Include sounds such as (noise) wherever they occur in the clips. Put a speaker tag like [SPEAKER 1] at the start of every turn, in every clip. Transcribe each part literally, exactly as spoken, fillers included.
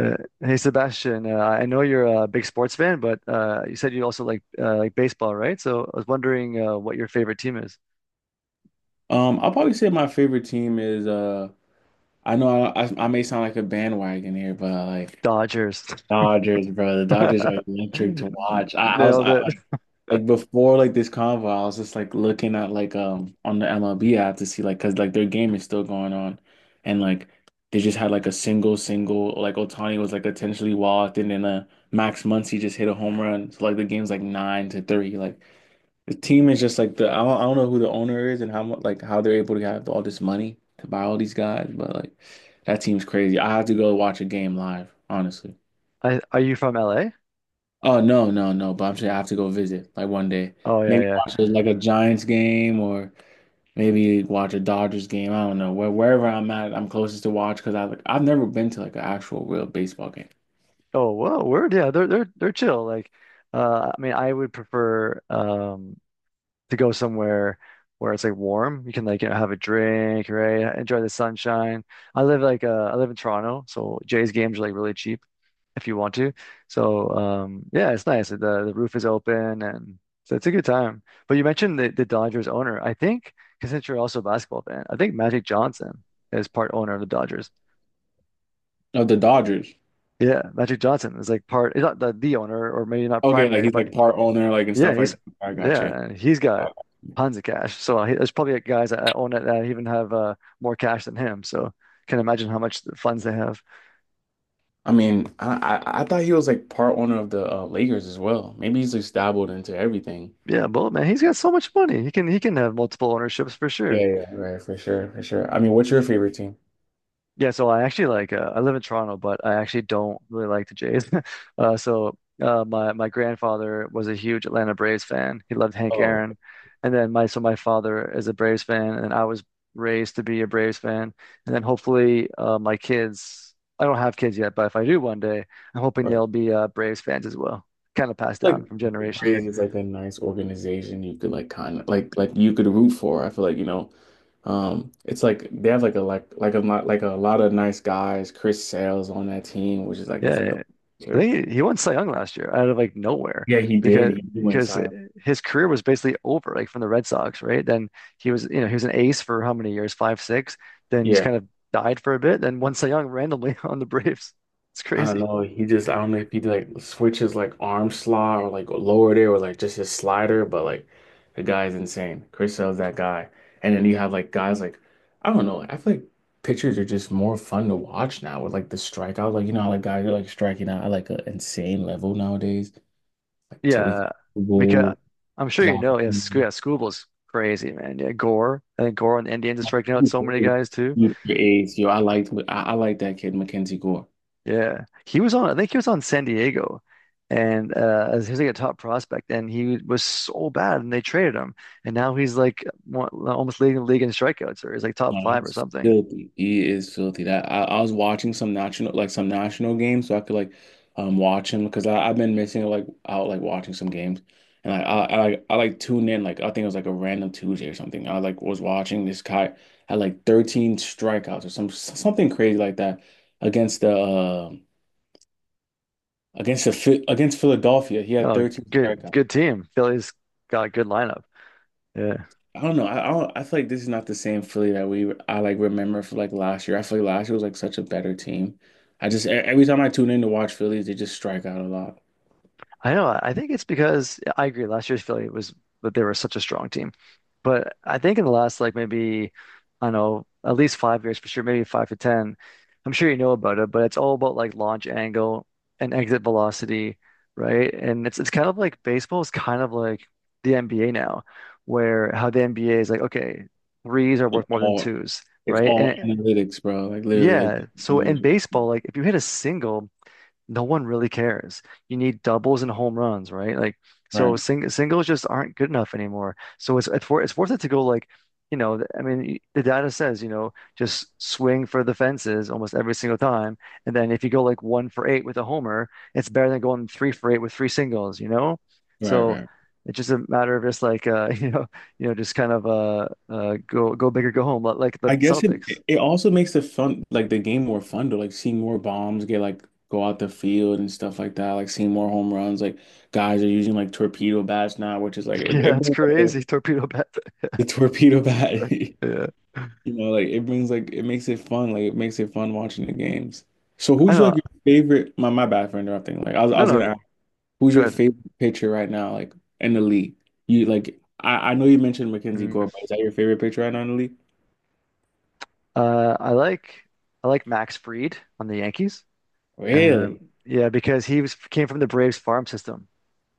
[SPEAKER 1] Uh, Hey Sebastian, uh, I know you're a big sports fan, but uh, you said you also like uh, like baseball, right? So I was wondering uh, what your favorite team is.
[SPEAKER 2] Um, I'll probably say my favorite team is uh I know I, I I may sound like a bandwagon here, but like
[SPEAKER 1] Dodgers.
[SPEAKER 2] Dodgers, bro. The Dodgers are
[SPEAKER 1] (laughs)
[SPEAKER 2] electric to watch. I, I was
[SPEAKER 1] Nailed
[SPEAKER 2] I,
[SPEAKER 1] it.
[SPEAKER 2] like like before like this convo, I was just like looking at like um on the M L B app to see like because like their game is still going on, and like they just had like a single single like Otani was like potentially walked, and then uh Max Muncy just hit a home run. So like the game's like nine to three. Like the team is just like the I don't, I don't know who the owner is and how much like how they're able to have all this money to buy all these guys, but like that team's crazy. I have to go watch a game live, honestly.
[SPEAKER 1] I, are you from L A?
[SPEAKER 2] Oh no, no, no! But I'm saying I have to go visit like one day.
[SPEAKER 1] Oh yeah,
[SPEAKER 2] Maybe
[SPEAKER 1] yeah.
[SPEAKER 2] watch a, like a Giants game, or maybe watch a Dodgers game. I don't know where wherever I'm at, I'm closest to watch because I like I've never been to like an actual real baseball game.
[SPEAKER 1] Oh whoa, word. Yeah, they're they're they're chill. Like, uh, I mean, I would prefer um to go somewhere where it's like warm. You can like you know have a drink, right? Enjoy the sunshine. I live like uh I live in Toronto, so Jay's games are like really cheap. If you want to. So um, yeah, it's nice. The the roof is open, and so it's a good time. But you mentioned the, the Dodgers owner. I think, because since you're also a basketball fan, I think Magic Johnson is part owner of the Dodgers.
[SPEAKER 2] Oh, the Dodgers.
[SPEAKER 1] Yeah, Magic Johnson is like part. He's not the, the owner, or maybe not
[SPEAKER 2] Okay, like
[SPEAKER 1] primary,
[SPEAKER 2] he's
[SPEAKER 1] but
[SPEAKER 2] like part owner, like and
[SPEAKER 1] yeah,
[SPEAKER 2] stuff like
[SPEAKER 1] he's
[SPEAKER 2] that. I got you.
[SPEAKER 1] yeah, he's got tons of cash. So he, there's probably guys that own it that even have uh, more cash than him. So. Can imagine how much funds they have.
[SPEAKER 2] I mean, I, I I thought he was like part owner of the uh, Lakers as well. Maybe he's just dabbled into everything.
[SPEAKER 1] Yeah, Bull man, he's got so much money. He can he can have multiple ownerships for sure.
[SPEAKER 2] Yeah, yeah, right, for sure, for sure. I mean, what's your favorite team?
[SPEAKER 1] Yeah, so I actually like uh, I live in Toronto, but I actually don't really like the Jays. (laughs) uh, so uh, my my grandfather was a huge Atlanta Braves fan. He loved Hank
[SPEAKER 2] Oh,
[SPEAKER 1] Aaron, and then my so my father is a Braves fan, and I was raised to be a Braves fan. And then hopefully uh, my kids. I don't have kids yet, but if I do one day, I'm hoping
[SPEAKER 2] right,
[SPEAKER 1] they'll be uh, Braves fans as well. Kind of passed
[SPEAKER 2] like
[SPEAKER 1] down from generation.
[SPEAKER 2] Braves is like a nice organization you could like kind of like like you could root for. I feel like, you know, um it's like they have like a like like a lot like a lot of nice guys. Chris Sale's on that team, which is like he's
[SPEAKER 1] Yeah,
[SPEAKER 2] like a
[SPEAKER 1] yeah, I
[SPEAKER 2] sure.
[SPEAKER 1] think he, he won Cy Young last year out of like nowhere
[SPEAKER 2] Yeah, he did.
[SPEAKER 1] because
[SPEAKER 2] He, he went
[SPEAKER 1] because
[SPEAKER 2] Cy Young.
[SPEAKER 1] his career was basically over like from the Red Sox, right? Then he was you know he was an ace for how many years? Five, six. Then just
[SPEAKER 2] Yeah.
[SPEAKER 1] kind of died for a bit. Then won Cy Young randomly (laughs) on the Braves. It's
[SPEAKER 2] I don't
[SPEAKER 1] crazy.
[SPEAKER 2] know. He just I don't know if he like switches like arm slot or like lower there or like just his slider, but like the guy is insane. Chris Sale's that guy. And then you have like guys like I don't know. I feel like pitchers are just more fun to watch now with like the strikeout. Like you know how like guys are like striking out at like an insane level nowadays. Like Tariq
[SPEAKER 1] Yeah, because
[SPEAKER 2] Cool,
[SPEAKER 1] I'm sure you
[SPEAKER 2] Zach.
[SPEAKER 1] know. Yeah, Sc yeah, Scooble's crazy, man. Yeah, Gore. I think Gore on the Indians is striking out so many guys too.
[SPEAKER 2] A's. Yo, I liked I, I like that kid Mackenzie Gore.
[SPEAKER 1] Yeah, he was on. I think he was on San Diego, and uh, as he was like a top prospect, and he was so bad, and they traded him, and now he's like one, almost leading the league in strikeouts, or he's like top
[SPEAKER 2] No,
[SPEAKER 1] five or
[SPEAKER 2] he's
[SPEAKER 1] something.
[SPEAKER 2] filthy. He is filthy. That I, I was watching some national like some national games, so I could like um watch him because I I've been missing like out like watching some games, and like I I like I like tuned in like I think it was like a random Tuesday or something. I like was watching this guy had like thirteen strikeouts or some something crazy like that against the uh, against the Phi- against Philadelphia. He had
[SPEAKER 1] Oh,
[SPEAKER 2] thirteen
[SPEAKER 1] good,
[SPEAKER 2] strikeouts.
[SPEAKER 1] good team. Philly's got a good lineup. Yeah.
[SPEAKER 2] I don't know. I I, don't, I feel like this is not the same Philly that we I like remember for like last year. I feel like last year was like such a better team. I just e- every time I tune in to watch Phillies, they just strike out a lot.
[SPEAKER 1] I know. I think it's because yeah, I agree. Last year's Philly was, but they were such a strong team. But I think in the last like maybe, I don't know, at least five years for sure, maybe five to ten. I'm sure you know about it, but it's all about like launch angle and exit velocity, right? And it's it's kind of like baseball is kind of like the N B A now, where how the N B A is like, okay, threes are
[SPEAKER 2] It's
[SPEAKER 1] worth more than
[SPEAKER 2] all
[SPEAKER 1] twos,
[SPEAKER 2] it's
[SPEAKER 1] right? And
[SPEAKER 2] all
[SPEAKER 1] it-
[SPEAKER 2] analytics, bro. Like literally, like
[SPEAKER 1] yeah, so
[SPEAKER 2] like,
[SPEAKER 1] in baseball, like if you hit a single no one really cares. You need doubles and home runs, right? Like so
[SPEAKER 2] right,
[SPEAKER 1] sing singles just aren't good enough anymore. So it's it's worth it's worth it to go like, you know, th- I mean, y- the data says, you know, just swing for the fences almost every single time. And then if you go like one for eight with a homer, it's better than going three for eight with three singles, you know?
[SPEAKER 2] right,
[SPEAKER 1] So
[SPEAKER 2] right.
[SPEAKER 1] it's just a matter of just like uh, (laughs) you know, you know, just kind of uh uh go go big or go home, li- like the
[SPEAKER 2] I guess it
[SPEAKER 1] Celtics.
[SPEAKER 2] it also makes the fun like the game more fun to like see more bombs get like go out the field and stuff like that. Like seeing more home runs. Like guys are using like torpedo bats now, which is like
[SPEAKER 1] (laughs)
[SPEAKER 2] it,
[SPEAKER 1] Yeah,
[SPEAKER 2] it
[SPEAKER 1] that's
[SPEAKER 2] brings, like,
[SPEAKER 1] crazy.
[SPEAKER 2] the,
[SPEAKER 1] Torpedo bat.
[SPEAKER 2] the torpedo bat.
[SPEAKER 1] (laughs)
[SPEAKER 2] (laughs)
[SPEAKER 1] Yeah.
[SPEAKER 2] You know, like it brings like it makes it fun. Like it makes it fun watching the games. So
[SPEAKER 1] I
[SPEAKER 2] who's like
[SPEAKER 1] know.
[SPEAKER 2] your favorite? My my bad for interrupting. Like I was I
[SPEAKER 1] No,
[SPEAKER 2] was
[SPEAKER 1] no.
[SPEAKER 2] gonna ask, who's your
[SPEAKER 1] Good.
[SPEAKER 2] favorite pitcher right now? Like in the league, you like I I know you mentioned Mackenzie Gore,
[SPEAKER 1] Mm.
[SPEAKER 2] but is that your favorite pitcher right now in the league?
[SPEAKER 1] Uh, I like I like Max Fried on the Yankees. Um,
[SPEAKER 2] Really?
[SPEAKER 1] yeah, because he was came from the Braves farm system.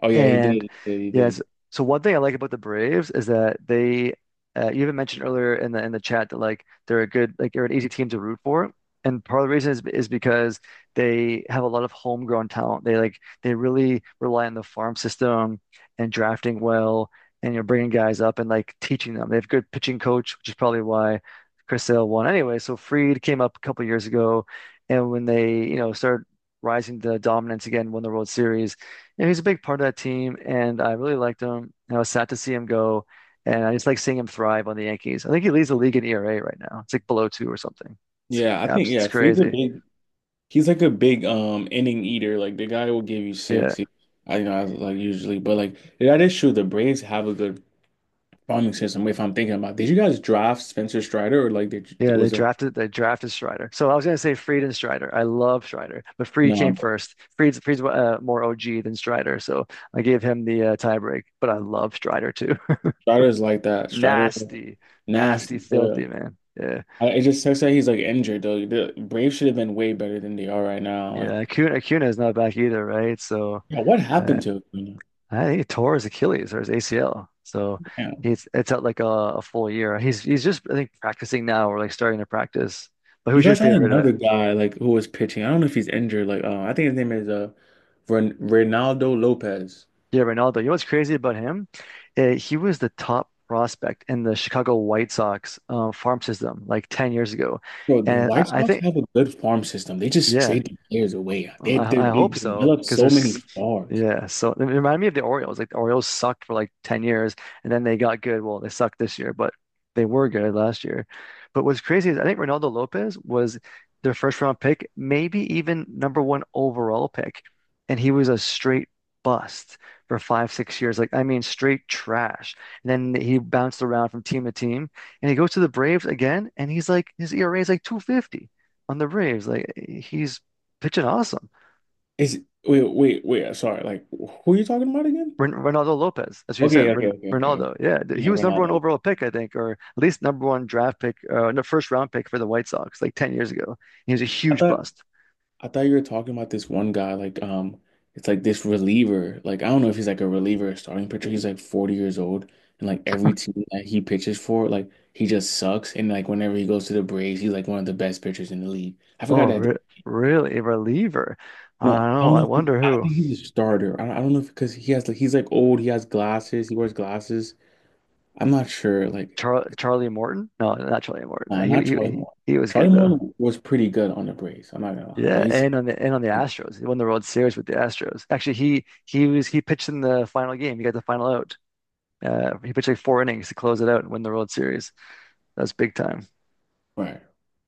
[SPEAKER 2] Oh yeah, he did.
[SPEAKER 1] And
[SPEAKER 2] He did. He did.
[SPEAKER 1] yes, so one thing I like about the Braves is that they, uh, you even mentioned earlier in the in the chat that like they're a good like they're an easy team to root for, and part of the reason is is because they have a lot of homegrown talent. They like they really rely on the farm system and drafting well, and you're bringing guys up and like teaching them. They have good pitching coach, which is probably why Chris Sale won anyway. So Fried came up a couple years ago, and when they you know started rising to dominance again, won the World Series yeah, he's a big part of that team, and I really liked him. And I was sad to see him go, and I just like seeing him thrive on the Yankees. I think he leads the league in E R A right now. It's like below two or something. It's,
[SPEAKER 2] Yeah, I think
[SPEAKER 1] abs- it's
[SPEAKER 2] yeah, Freed's a
[SPEAKER 1] crazy.
[SPEAKER 2] big. He's like a big um inning eater. Like the guy will give you
[SPEAKER 1] Yeah,
[SPEAKER 2] six. He, I you know I was like usually, but like yeah, that is true. The Braves have a good bombing system, if I'm thinking about it. Did you guys draft Spencer Strider, or like did you, it
[SPEAKER 1] yeah. They
[SPEAKER 2] was like
[SPEAKER 1] drafted they drafted Strider. So I was gonna say Fried and Strider. I love Strider, but Fried
[SPEAKER 2] no
[SPEAKER 1] came
[SPEAKER 2] nah,
[SPEAKER 1] first. Fried's Fried's uh, more O G than Strider, so I gave him the uh, tiebreak. But I love Strider too. (laughs)
[SPEAKER 2] Strider's like that. Strider's
[SPEAKER 1] Nasty, nasty,
[SPEAKER 2] nasty for
[SPEAKER 1] filthy
[SPEAKER 2] real.
[SPEAKER 1] man. Yeah,
[SPEAKER 2] I, it just sucks that he's like injured though. The Braves should have been way better than they are right now. Like
[SPEAKER 1] yeah. Acuna, Acuna is not back either, right? So.
[SPEAKER 2] yeah, what
[SPEAKER 1] Uh,
[SPEAKER 2] happened to him?
[SPEAKER 1] I think he tore his Achilles or his A C L. So
[SPEAKER 2] Yeah.
[SPEAKER 1] he's it's out like a, a full year. He's he's just I think practicing now or like starting to practice. But
[SPEAKER 2] You
[SPEAKER 1] who's your
[SPEAKER 2] guys had
[SPEAKER 1] favorite?
[SPEAKER 2] another
[SPEAKER 1] Uh,
[SPEAKER 2] guy like who was pitching. I don't know if he's injured. Like uh, I think his name is uh Ren Reynaldo Lopez.
[SPEAKER 1] yeah, Ronaldo. You know what's crazy about him? Uh, he was the top prospect in the Chicago White Sox uh, farm system like ten years ago.
[SPEAKER 2] Bro, the
[SPEAKER 1] And
[SPEAKER 2] White
[SPEAKER 1] I, I
[SPEAKER 2] Sox
[SPEAKER 1] think,
[SPEAKER 2] have a good farm system. They just
[SPEAKER 1] yeah,
[SPEAKER 2] trade the players away. They, they,
[SPEAKER 1] I, I
[SPEAKER 2] they
[SPEAKER 1] hope so
[SPEAKER 2] develop
[SPEAKER 1] because
[SPEAKER 2] so
[SPEAKER 1] there's
[SPEAKER 2] many stars.
[SPEAKER 1] yeah, so it reminded me of the Orioles, like the Orioles sucked for like ten years, and then they got good. Well, they sucked this year, but they were good last year. But what's crazy is I think Ronaldo Lopez was their first round pick, maybe even number one overall pick, and he was a straight bust for five six years. Like, I mean, straight trash. And then he bounced around from team to team, and he goes to the Braves again, and he's like his E R A is like two fifty on the Braves. Like, he's pitching awesome.
[SPEAKER 2] Is Wait, wait, wait. Sorry. Like, who are you talking about again?
[SPEAKER 1] Ren Ronaldo Lopez, as you
[SPEAKER 2] Okay,
[SPEAKER 1] said,
[SPEAKER 2] okay,
[SPEAKER 1] Ren
[SPEAKER 2] okay, okay, okay.
[SPEAKER 1] Ronaldo. Yeah, th- he
[SPEAKER 2] Yeah,
[SPEAKER 1] was number one
[SPEAKER 2] Ronaldo.
[SPEAKER 1] overall pick, I think, or at least number one draft pick, uh, no, first round pick for the White Sox like ten years ago. He was a
[SPEAKER 2] I
[SPEAKER 1] huge
[SPEAKER 2] thought
[SPEAKER 1] bust.
[SPEAKER 2] I thought you were talking about this one guy. Like, um, it's like this reliever. Like, I don't know if he's like a reliever or starting pitcher. He's like forty years old, and like every team that he pitches for, like he just sucks. And like whenever he goes to the Braves, he's like one of the best pitchers in the league. I forgot
[SPEAKER 1] Oh,
[SPEAKER 2] that.
[SPEAKER 1] re really? A reliever? I
[SPEAKER 2] No,
[SPEAKER 1] don't
[SPEAKER 2] I
[SPEAKER 1] know.
[SPEAKER 2] don't
[SPEAKER 1] I
[SPEAKER 2] know. If he-
[SPEAKER 1] wonder
[SPEAKER 2] I
[SPEAKER 1] who.
[SPEAKER 2] think he's a starter. I don't, I don't know if because he has like he's like old. He has glasses. He wears glasses. I'm not sure. Like.
[SPEAKER 1] Char Charlie Morton? No, not Charlie Morton. No,
[SPEAKER 2] No,
[SPEAKER 1] He,
[SPEAKER 2] not
[SPEAKER 1] he
[SPEAKER 2] Charlie
[SPEAKER 1] he
[SPEAKER 2] Moore.
[SPEAKER 1] he was
[SPEAKER 2] Charlie
[SPEAKER 1] good though.
[SPEAKER 2] Moore was pretty good on the Braves. I'm not gonna lie, but
[SPEAKER 1] Yeah,
[SPEAKER 2] he's
[SPEAKER 1] and on the and on the Astros, he won the World Series with the Astros. Actually, he he was he pitched in the final game. He got the final out. Uh, he pitched like four innings to close it out and win the World Series. That's big time.
[SPEAKER 2] right,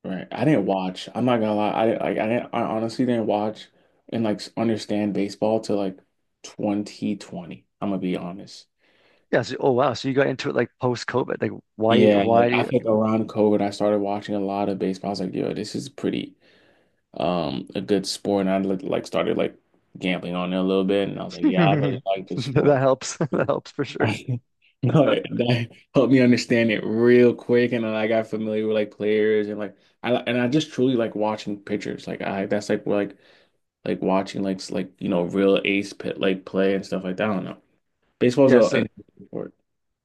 [SPEAKER 2] right. I didn't watch. I'm not gonna lie. I like. I didn't. I honestly didn't watch and like understand baseball till like twenty twenty. I'm gonna be honest.
[SPEAKER 1] Yeah. So, oh wow. So you got into it like post-COVID. Like why
[SPEAKER 2] Yeah, like I
[SPEAKER 1] why
[SPEAKER 2] think around COVID, I started watching a lot of baseball. I was like, yo, this is pretty. Um, a good sport, and I like like started like gambling on it a little bit, and I was
[SPEAKER 1] (laughs)
[SPEAKER 2] like, yeah, I really
[SPEAKER 1] that
[SPEAKER 2] like this sport.
[SPEAKER 1] helps. (laughs) That helps for sure.
[SPEAKER 2] (laughs) No, that helped me understand it real quick, and then I got familiar with like players and like I and I just truly like watching pictures. Like I that's like where, like like watching like s- like you know real ace pit like play and stuff like that. I don't know. Baseball's
[SPEAKER 1] Yeah.
[SPEAKER 2] an
[SPEAKER 1] So
[SPEAKER 2] interesting sport.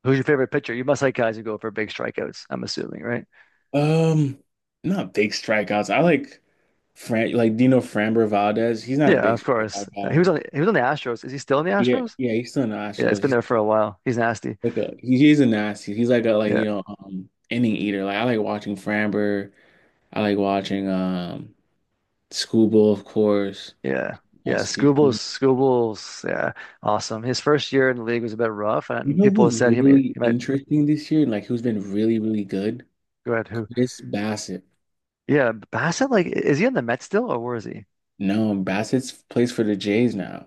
[SPEAKER 1] who's your favorite pitcher? You must like guys who go for big strikeouts, I'm assuming, right?
[SPEAKER 2] Um, not big strikeouts. I like Fran like Dino Framber Valdez. He's not a
[SPEAKER 1] Yeah,
[SPEAKER 2] big
[SPEAKER 1] of course.
[SPEAKER 2] strikeout
[SPEAKER 1] He was
[SPEAKER 2] guy.
[SPEAKER 1] on he was on the Astros. Is he still in the
[SPEAKER 2] Yeah,
[SPEAKER 1] Astros?
[SPEAKER 2] yeah, he's still in the odd
[SPEAKER 1] Yeah, it's
[SPEAKER 2] shows.
[SPEAKER 1] been
[SPEAKER 2] He's
[SPEAKER 1] there for a while. He's nasty.
[SPEAKER 2] like a he- he's a nasty. He's like a like
[SPEAKER 1] Yeah.
[SPEAKER 2] you know um inning eater. Like I like watching Framber. I like watching um Schoolboy, of course.
[SPEAKER 1] Yeah.
[SPEAKER 2] I
[SPEAKER 1] Yeah.
[SPEAKER 2] see.
[SPEAKER 1] Scoobles,
[SPEAKER 2] You
[SPEAKER 1] Scoobles. Yeah. Awesome. His first year in the league was a bit rough and
[SPEAKER 2] know
[SPEAKER 1] people
[SPEAKER 2] who's
[SPEAKER 1] said he, may-
[SPEAKER 2] really
[SPEAKER 1] he might
[SPEAKER 2] interesting this year? Like who's been really really good?
[SPEAKER 1] go ahead who.
[SPEAKER 2] Chris Bassett.
[SPEAKER 1] Yeah, Bassett, like is he in the Mets still or where is he?
[SPEAKER 2] No, Bassett's plays for the Jays now.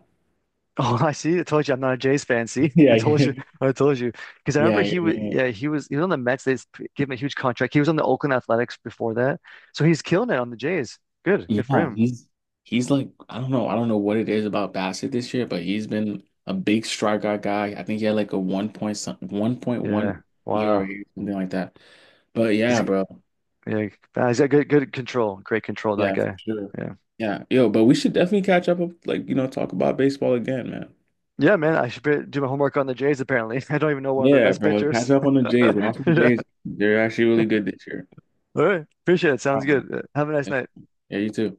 [SPEAKER 1] (laughs) Oh, I see. I told you I'm not a Jays fan. See, (laughs) I told you.
[SPEAKER 2] (laughs)
[SPEAKER 1] I told you because I remember
[SPEAKER 2] Yeah,
[SPEAKER 1] he
[SPEAKER 2] yeah,
[SPEAKER 1] was.
[SPEAKER 2] yeah.
[SPEAKER 1] Yeah, he was. He was on the Mets. They s- gave him a huge contract. He was on the Oakland Athletics before that, so he's killing it on the Jays. Good, good for
[SPEAKER 2] Yeah,
[SPEAKER 1] him.
[SPEAKER 2] he's he's like I don't know, I don't know what it is about Bassett this year, but he's been a big strikeout guy. I think he had like a one point some
[SPEAKER 1] Yeah.
[SPEAKER 2] one point one
[SPEAKER 1] Wow.
[SPEAKER 2] E R A, something like that. But
[SPEAKER 1] He's
[SPEAKER 2] yeah, bro.
[SPEAKER 1] yeah. uh, He's got good, good control. Great control, that
[SPEAKER 2] Yeah, for
[SPEAKER 1] guy.
[SPEAKER 2] sure.
[SPEAKER 1] Yeah.
[SPEAKER 2] Yeah. Yo, but we should definitely catch up like, you know, talk about baseball again, man.
[SPEAKER 1] Yeah, man. I should be- do my homework on the Jays. Apparently, (laughs) I don't even know one of their
[SPEAKER 2] Yeah,
[SPEAKER 1] best
[SPEAKER 2] bro. Catch
[SPEAKER 1] pitchers.
[SPEAKER 2] up on the
[SPEAKER 1] (laughs)
[SPEAKER 2] Jays. Watch the
[SPEAKER 1] Yeah.
[SPEAKER 2] Jays. They're actually really good this year.
[SPEAKER 1] All right. Appreciate it. Sounds
[SPEAKER 2] All
[SPEAKER 1] good. Uh, Have a nice
[SPEAKER 2] right.
[SPEAKER 1] night.
[SPEAKER 2] Yeah, you too.